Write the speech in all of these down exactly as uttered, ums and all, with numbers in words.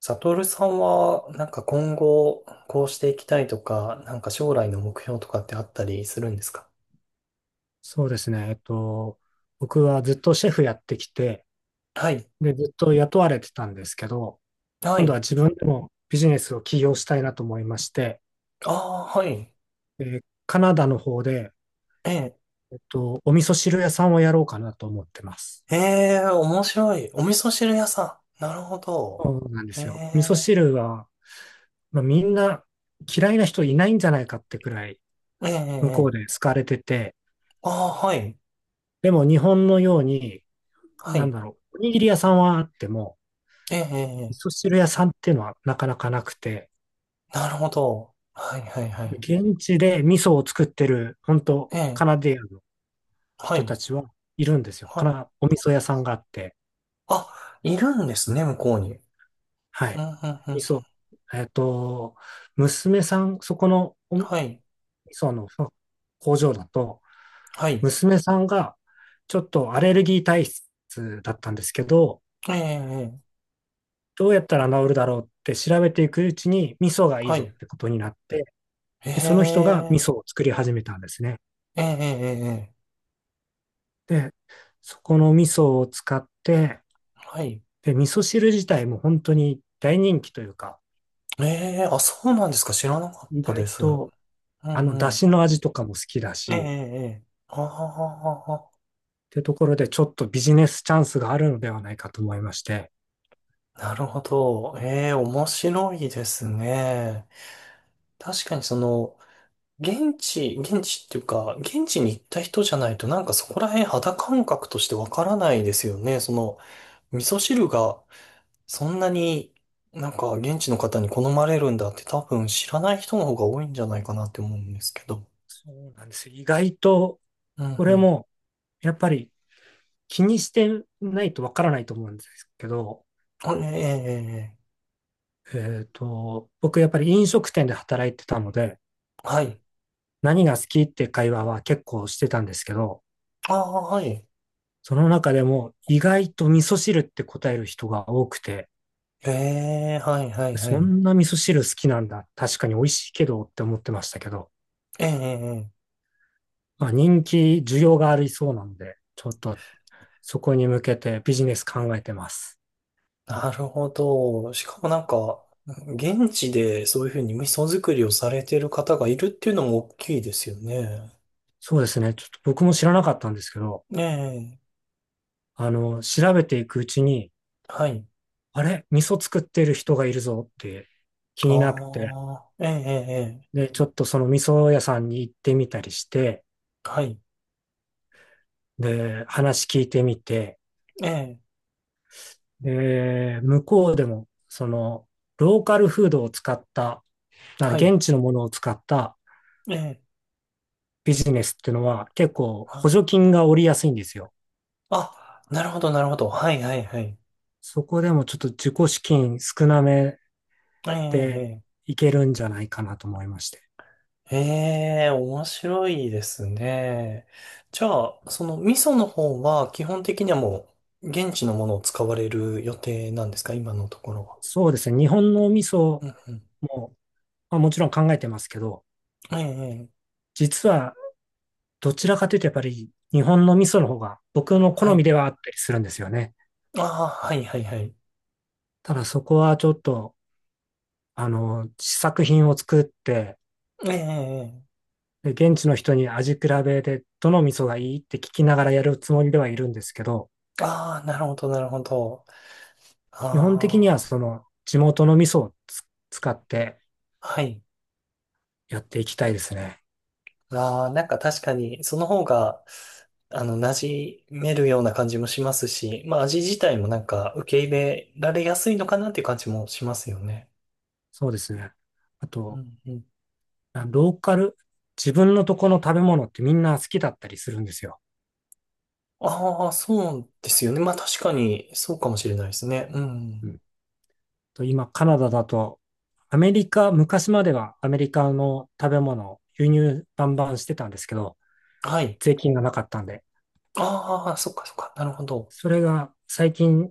サトルさんは、なんか今後、こうしていきたいとか、なんか将来の目標とかってあったりするんですか？そうですね。えっと、僕はずっとシェフやってきて、はい。で、ずっと雇われてたんですけど、は今度はい。自分でもビジネスを起業したいなと思いまして、ああ、はい。でカナダの方で、ええ。えっと、お味噌汁屋さんをやろうかなと思ってます。ええ、面白い。お味噌汁屋さん。なるほど。そうなんでえすよ。味噌え、汁は、まあ、みんな嫌いな人いないんじゃないかってくらい、ええ、向こえうでえ。好かれてて、ああ、はい。でも日本のように、はなんい。だろう、おにぎり屋さんはあっても、ええ、え味噌え。汁屋さんっていうのはなかなかなくて、なるほど。はい、はい、はい。現地で味噌を作ってる、本当ええ、カナディアンのは人い。たちはいるんですよ。はかい。な、お味噌屋さんがあって、あ、いるんですね、向こうに。はうん、い。うん、う味ん。噌、えっと、娘さん、そこのお味はい。噌の工場だと、はい。娘さんがちょっとアレルギー体質だったんですけど、ええ、ええ。どうやったら治るだろうって調べていくうちに味噌がいいはぞっい。てことになって、えで、その人が味え。噌を作り始めたんですね。ええ、ええ、ええ、で、そこの味噌を使って、はい。で、味噌汁自体も本当に大人気というか、ええ、あ、そうなんですか。知らなかっ意たで外す。うんとうあの出ん。汁の味とかも好きだええ、えし、え、ええあってところでちょっとビジネスチャンスがあるのではないかと思いまして、あ、なるほど。ええ、面白いですね。確かにその、現地、現地っていうか、現地に行った人じゃないと、なんかそこら辺肌感覚としてわからないですよね。その、味噌汁がそんなになんか現地の方に好まれるんだって多分知らない人の方が多いんじゃないかなって思うんですけど。そうなんですよ。意外と、うんこうれんもやっぱり気にしてないとわからないと思うんですけど、あ、ええ、ええ、えええっと、僕やっぱり飲食店で働いてたので、はい。何が好きって会話は結構してたんですけど、ああ、はい。その中でも意外と味噌汁って答える人が多くて、ええ、はい、はい、はそい。んな味噌汁好きなんだ。確かに美味しいけどって思ってましたけど、ええ、ええええまあ、人気、需要がありそうなんで、ちょっとそこに向けてビジネス考えてます。なるほど。しかもなんか、現地でそういうふうに味噌作りをされてる方がいるっていうのも大きいですよね。そうですね。ちょっと僕も知らなかったんですけど、ええ、あの、調べていくうちに、はい。あれ味噌作ってる人がいるぞって気になって、ああ、ええ、ええ、ええで、ちょっとその味噌屋さんに行ってみたりして、はい。で、話聞いてみて、ええ、で、向こうでも、その、ローカルフードを使った、なはい。現地のものを使ったええ、ビジネスっていうのは結構は補助い。金が下りやすいんですよ。あ、なるほど、なるほど。はい、はい、はい。そこでもちょっと自己資金少なめえでえ、ええいけるんじゃないかなと思いまして。ええ、面白いですね。じゃあ、その味噌の方は基本的にはもう現地のものを使われる予定なんですか、今のところは？そうですね。日本の味噌うんうん。も、まあ、もちろん考えてますけど、ええ、実はどちらかというとやっぱり日本の味噌の方が僕のは好みい。ではあったりするんですよね。ああ、はいはいはい。ただそこはちょっと、あの、試作品を作って、ええええで現地の人に味比べでどの味噌がいいって聞きながらやるつもりではいるんですけど、ああ、なるほどなるほど。基本的にあはその地元の味噌をつ使ってあ、はい。やっていきたいですね。ああ、なんか確かにその方が、あの、馴染めるような感じもしますし、まあ味自体もなんか受け入れられやすいのかなっていう感じもしますよね。そうですね。あうと、んうんあローカル、自分のとこの食べ物ってみんな好きだったりするんですよ。ああ、そうですよね。まあ確かに、そうかもしれないですね。ううん。ん、と今、カナダだと、アメリカ、昔まではアメリカの食べ物を輸入バンバンしてたんですけど、はい。税金がなかったんで、ああ、そっかそっか。なるほど。それが最近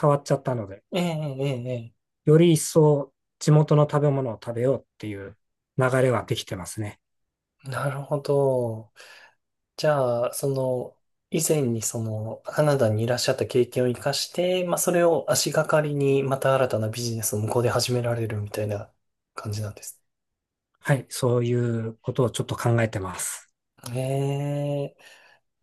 変わっちゃったので、ええ、ええ、えより一層地元の食べ物を食べようっていう流れはできてますね。え。なるほど。じゃあ、その、以前にその、カナダにいらっしゃった経験を生かして、まあそれを足がかりに、また新たなビジネスを向こうで始められるみたいな感じなんです。はい、そういうことをちょっと考えてます。ええ。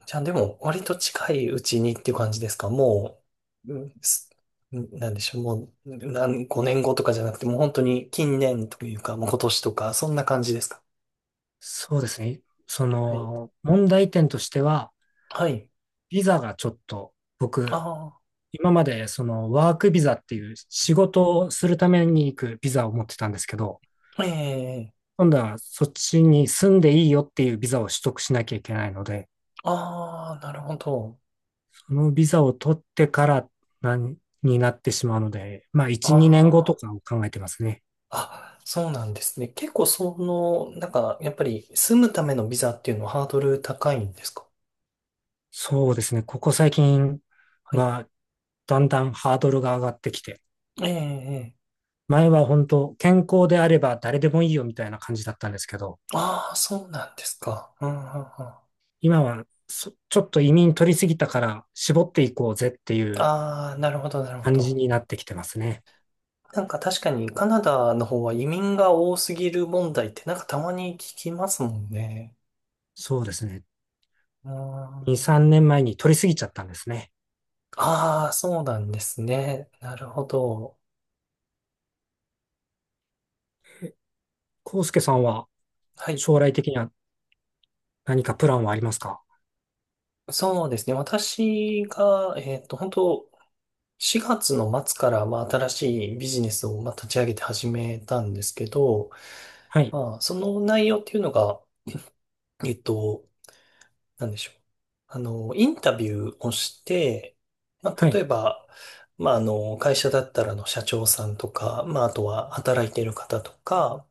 じゃあでも、割と近いうちにっていう感じですかもう、うんすんなんでしょう、もう、何、ごねんごとかじゃなくて、もう本当に近年というか、もう今年とか、そんな感じですか？そうですね。そはい。の、問題点としては、はい。ビザがちょっと、僕、あ今までそのワークビザっていう仕事をするために行くビザを持ってたんですけど、あ、ええ今度はそっちに住んでいいよっていうビザを取得しなきゃいけないので、ああ、なるほど。そのビザを取ってからなんになってしまうので、まあいち、にねんごとあかを考えてますね。あ、あ、そうなんですね。結構その、なんか、やっぱり住むためのビザっていうのはハードル高いんですか？そうですね。ここ最近はい。はだんだんハードルが上がってきて、ええええ前は本当、健康であれば誰でもいいよみたいな感じだったんですけど、ああ、そうなんですか。うんうんうん。あ今はそちょっと移民取りすぎたから絞っていこうぜっていうあ、なるほど、なるほ感じど。になってきてますね。なんか確かにカナダの方は移民が多すぎる問題ってなんかたまに聞きますもんね。そうですね。うーに、ん。さんねんまえに取りすぎちゃったんですね。ああ、そうなんですね。なるほど。康介さんははい。将来的には何かプランはありますか？そうですね。私が、えっと、本当しがつの末から、まあ、新しいビジネスを、まあ、立ち上げて始めたんですけど、はい、まあ、その内容っていうのが、えっと、なんでしょう。あの、インタビューをして、まはあ、例えい、ば、まあ、あの、会社だったらあの社長さんとか、まあ、あとは働いている方とか、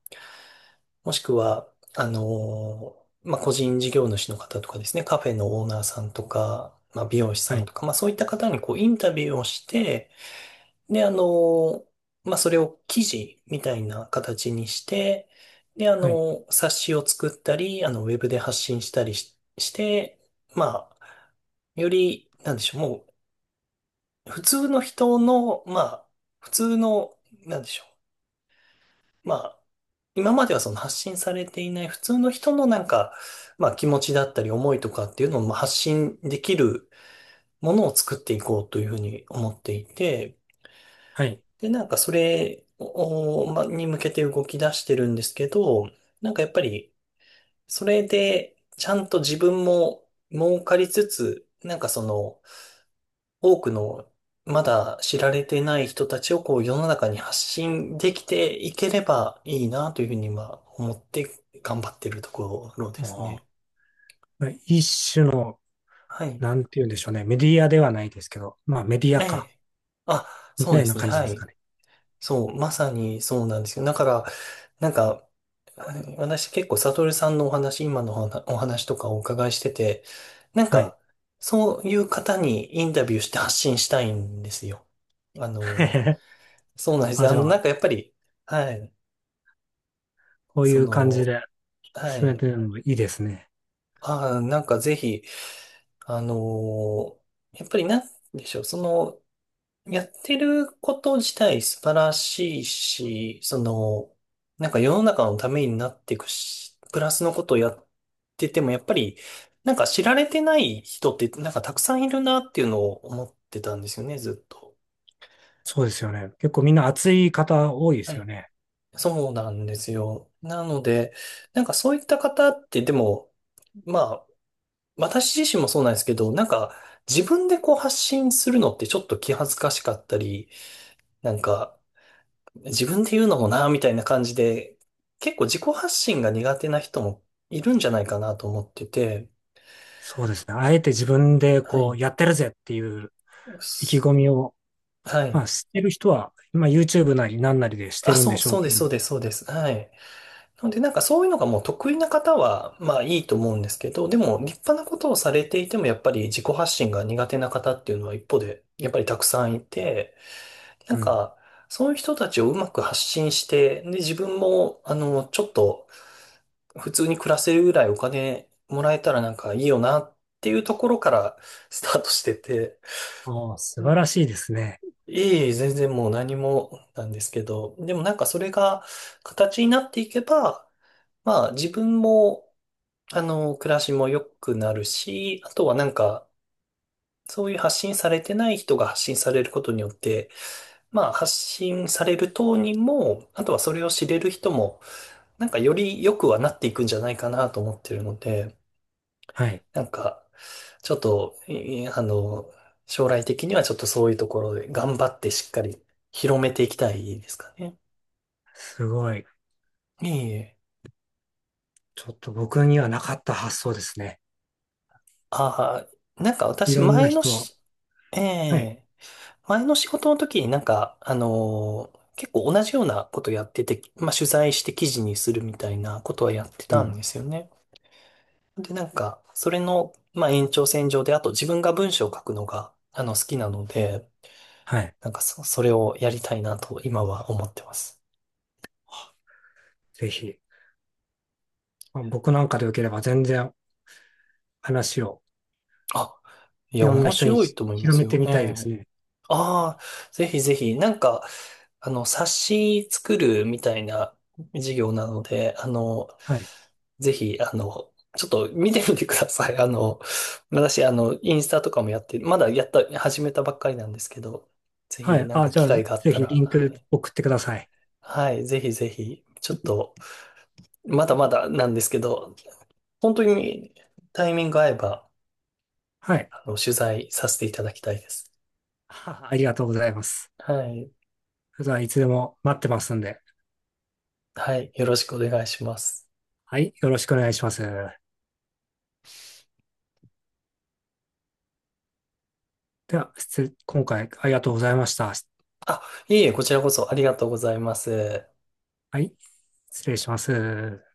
もしくは、あの、まあ、個人事業主の方とかですね、カフェのオーナーさんとか、まあ、美容師はさんい、とか、まあ、そういった方にこう、インタビューをして、で、あの、まあ、それを記事みたいな形にして、で、あはい、の、冊子を作ったり、あの、ウェブで発信したりし、して、まあ、より、なんでしょう、もう、普通の人の、まあ、普通の、なんでしょう、まあ、今まではその発信されていない普通の人のなんか、まあ気持ちだったり思いとかっていうのをまあ発信できるものを作っていこうというふうに思っていて、はい。で、なんかそれを、まあ、に向けて動き出してるんですけど、なんかやっぱり、それで、ちゃんと自分も儲かりつつ、なんかその、多くのまだ知られてない人たちをこう世の中に発信できていければいいなというふうには思って頑張ってるところですね。あー一種の、はい。なんて言うんでしょうね。メディアではないですけど、まあメディえアか、え。あ、みそうたでいなすね。感じはですい。かね。そう、まさにそうなんですよ。だから、なんか、はい、私結構サトルさんのお話、今のお話お話とかお伺いしてて、なんはい。か、そういう方にインタビューして発信したいんですよ。あの、そうなんです。あ、あじゃの、なんあ、かやっぱり、はい。こういそう感じの、では進めい。てるのもいいですね。ああ、なんかぜひ、あのーやっぱりなんでしょう、その、やってること自体素晴らしいし、その、なんか世の中のためになっていくし、プラスのことをやってても、やっぱり、なんか知られてない人って、なんかたくさんいるなっていうのを思ってたんですよね、ずっと。そうですよね。結構みんな熱い方多いではすよい。ね。そうなんですよ。なので、なんかそういった方って、でも、まあ、私自身もそうなんですけど、なんか自分でこう発信するのってちょっと気恥ずかしかったり、なんか自分で言うのもなみたいな感じで、結構自己発信が苦手な人もいるんじゃないかなと思ってて、そうですね。あえて自分ではこい。うやってるぜっていう意気す込みを、はまい。あしてる人は、まあ ユーチューブ なりなんなりでしてあ、るんでそう、しょうそうでけす、ど。そうです、そうです。はい。なので、なんかそういうのがもう得意な方は、まあいいと思うんですけど、でも立派なことをされていても、やっぱり自己発信が苦手な方っていうのは一方で、やっぱりたくさんいて、なんうん。か、そういう人たちをうまく発信して、で、自分も、あの、ちょっと、普通に暮らせるぐらいお金もらえたらなんかいいよなっていうところからスタートしてて、ああ、素う晴んらしいですね。いいえ、全然もう何もなんですけど、でもなんかそれが形になっていけば、まあ自分も、あの、暮らしも良くなるし、あとはなんか、そういう発信されてない人が発信されることによって、まあ、発信される当人も、あとはそれを知れる人も、なんかより良くはなっていくんじゃないかなと思ってるので、はい。なんか、ちょっと、いあの、将来的にはちょっとそういうところで頑張ってしっかり広めていきたいですかね。すごい。ええ。ちょっと僕にはなかった発想ですね。ああ、なんかい私ろんな前の人を。し、えはい。え、前の仕事の時になんか、あのー結構同じようなことやってて、まあ取材して記事にするみたいなことはやってうたんん。ですよね。で、なんか、それの、まあ、延長線上で、あと自分が文章を書くのが、あの、好きなので、はい。なんかそ、それをやりたいなと、今は思ってます。ぜひ。まあ僕なんかでよければ全然話をあ、いいや、ろんな面人に白いと思いま広すめてよ。みえたいですえ。ね。ああ、ぜひぜひ、なんか、あの、冊子作るみたいな授業なので、あの、はい。ぜひ、あの、ちょっと見てみてください。あの、私、あの、インスタとかもやって、まだやった、始めたばっかりなんですけど、ぜはひ、い。なんあ、かじゃ機あ、会があっぜたひら、リンはクい送ってください。はい、ぜひぜひ、ちょっと、まだまだなんですけど、本当にタイミング合えば、はい。あの、取材させていただきたいです。はありがとうございます。はい、それではいつでも待ってますんで。はい、よろしくお願いします。はい。よろしくお願いします。では、失礼、今回ありがとうございました。あ、いえいえ、こちらこそありがとうございます。はい。失礼します。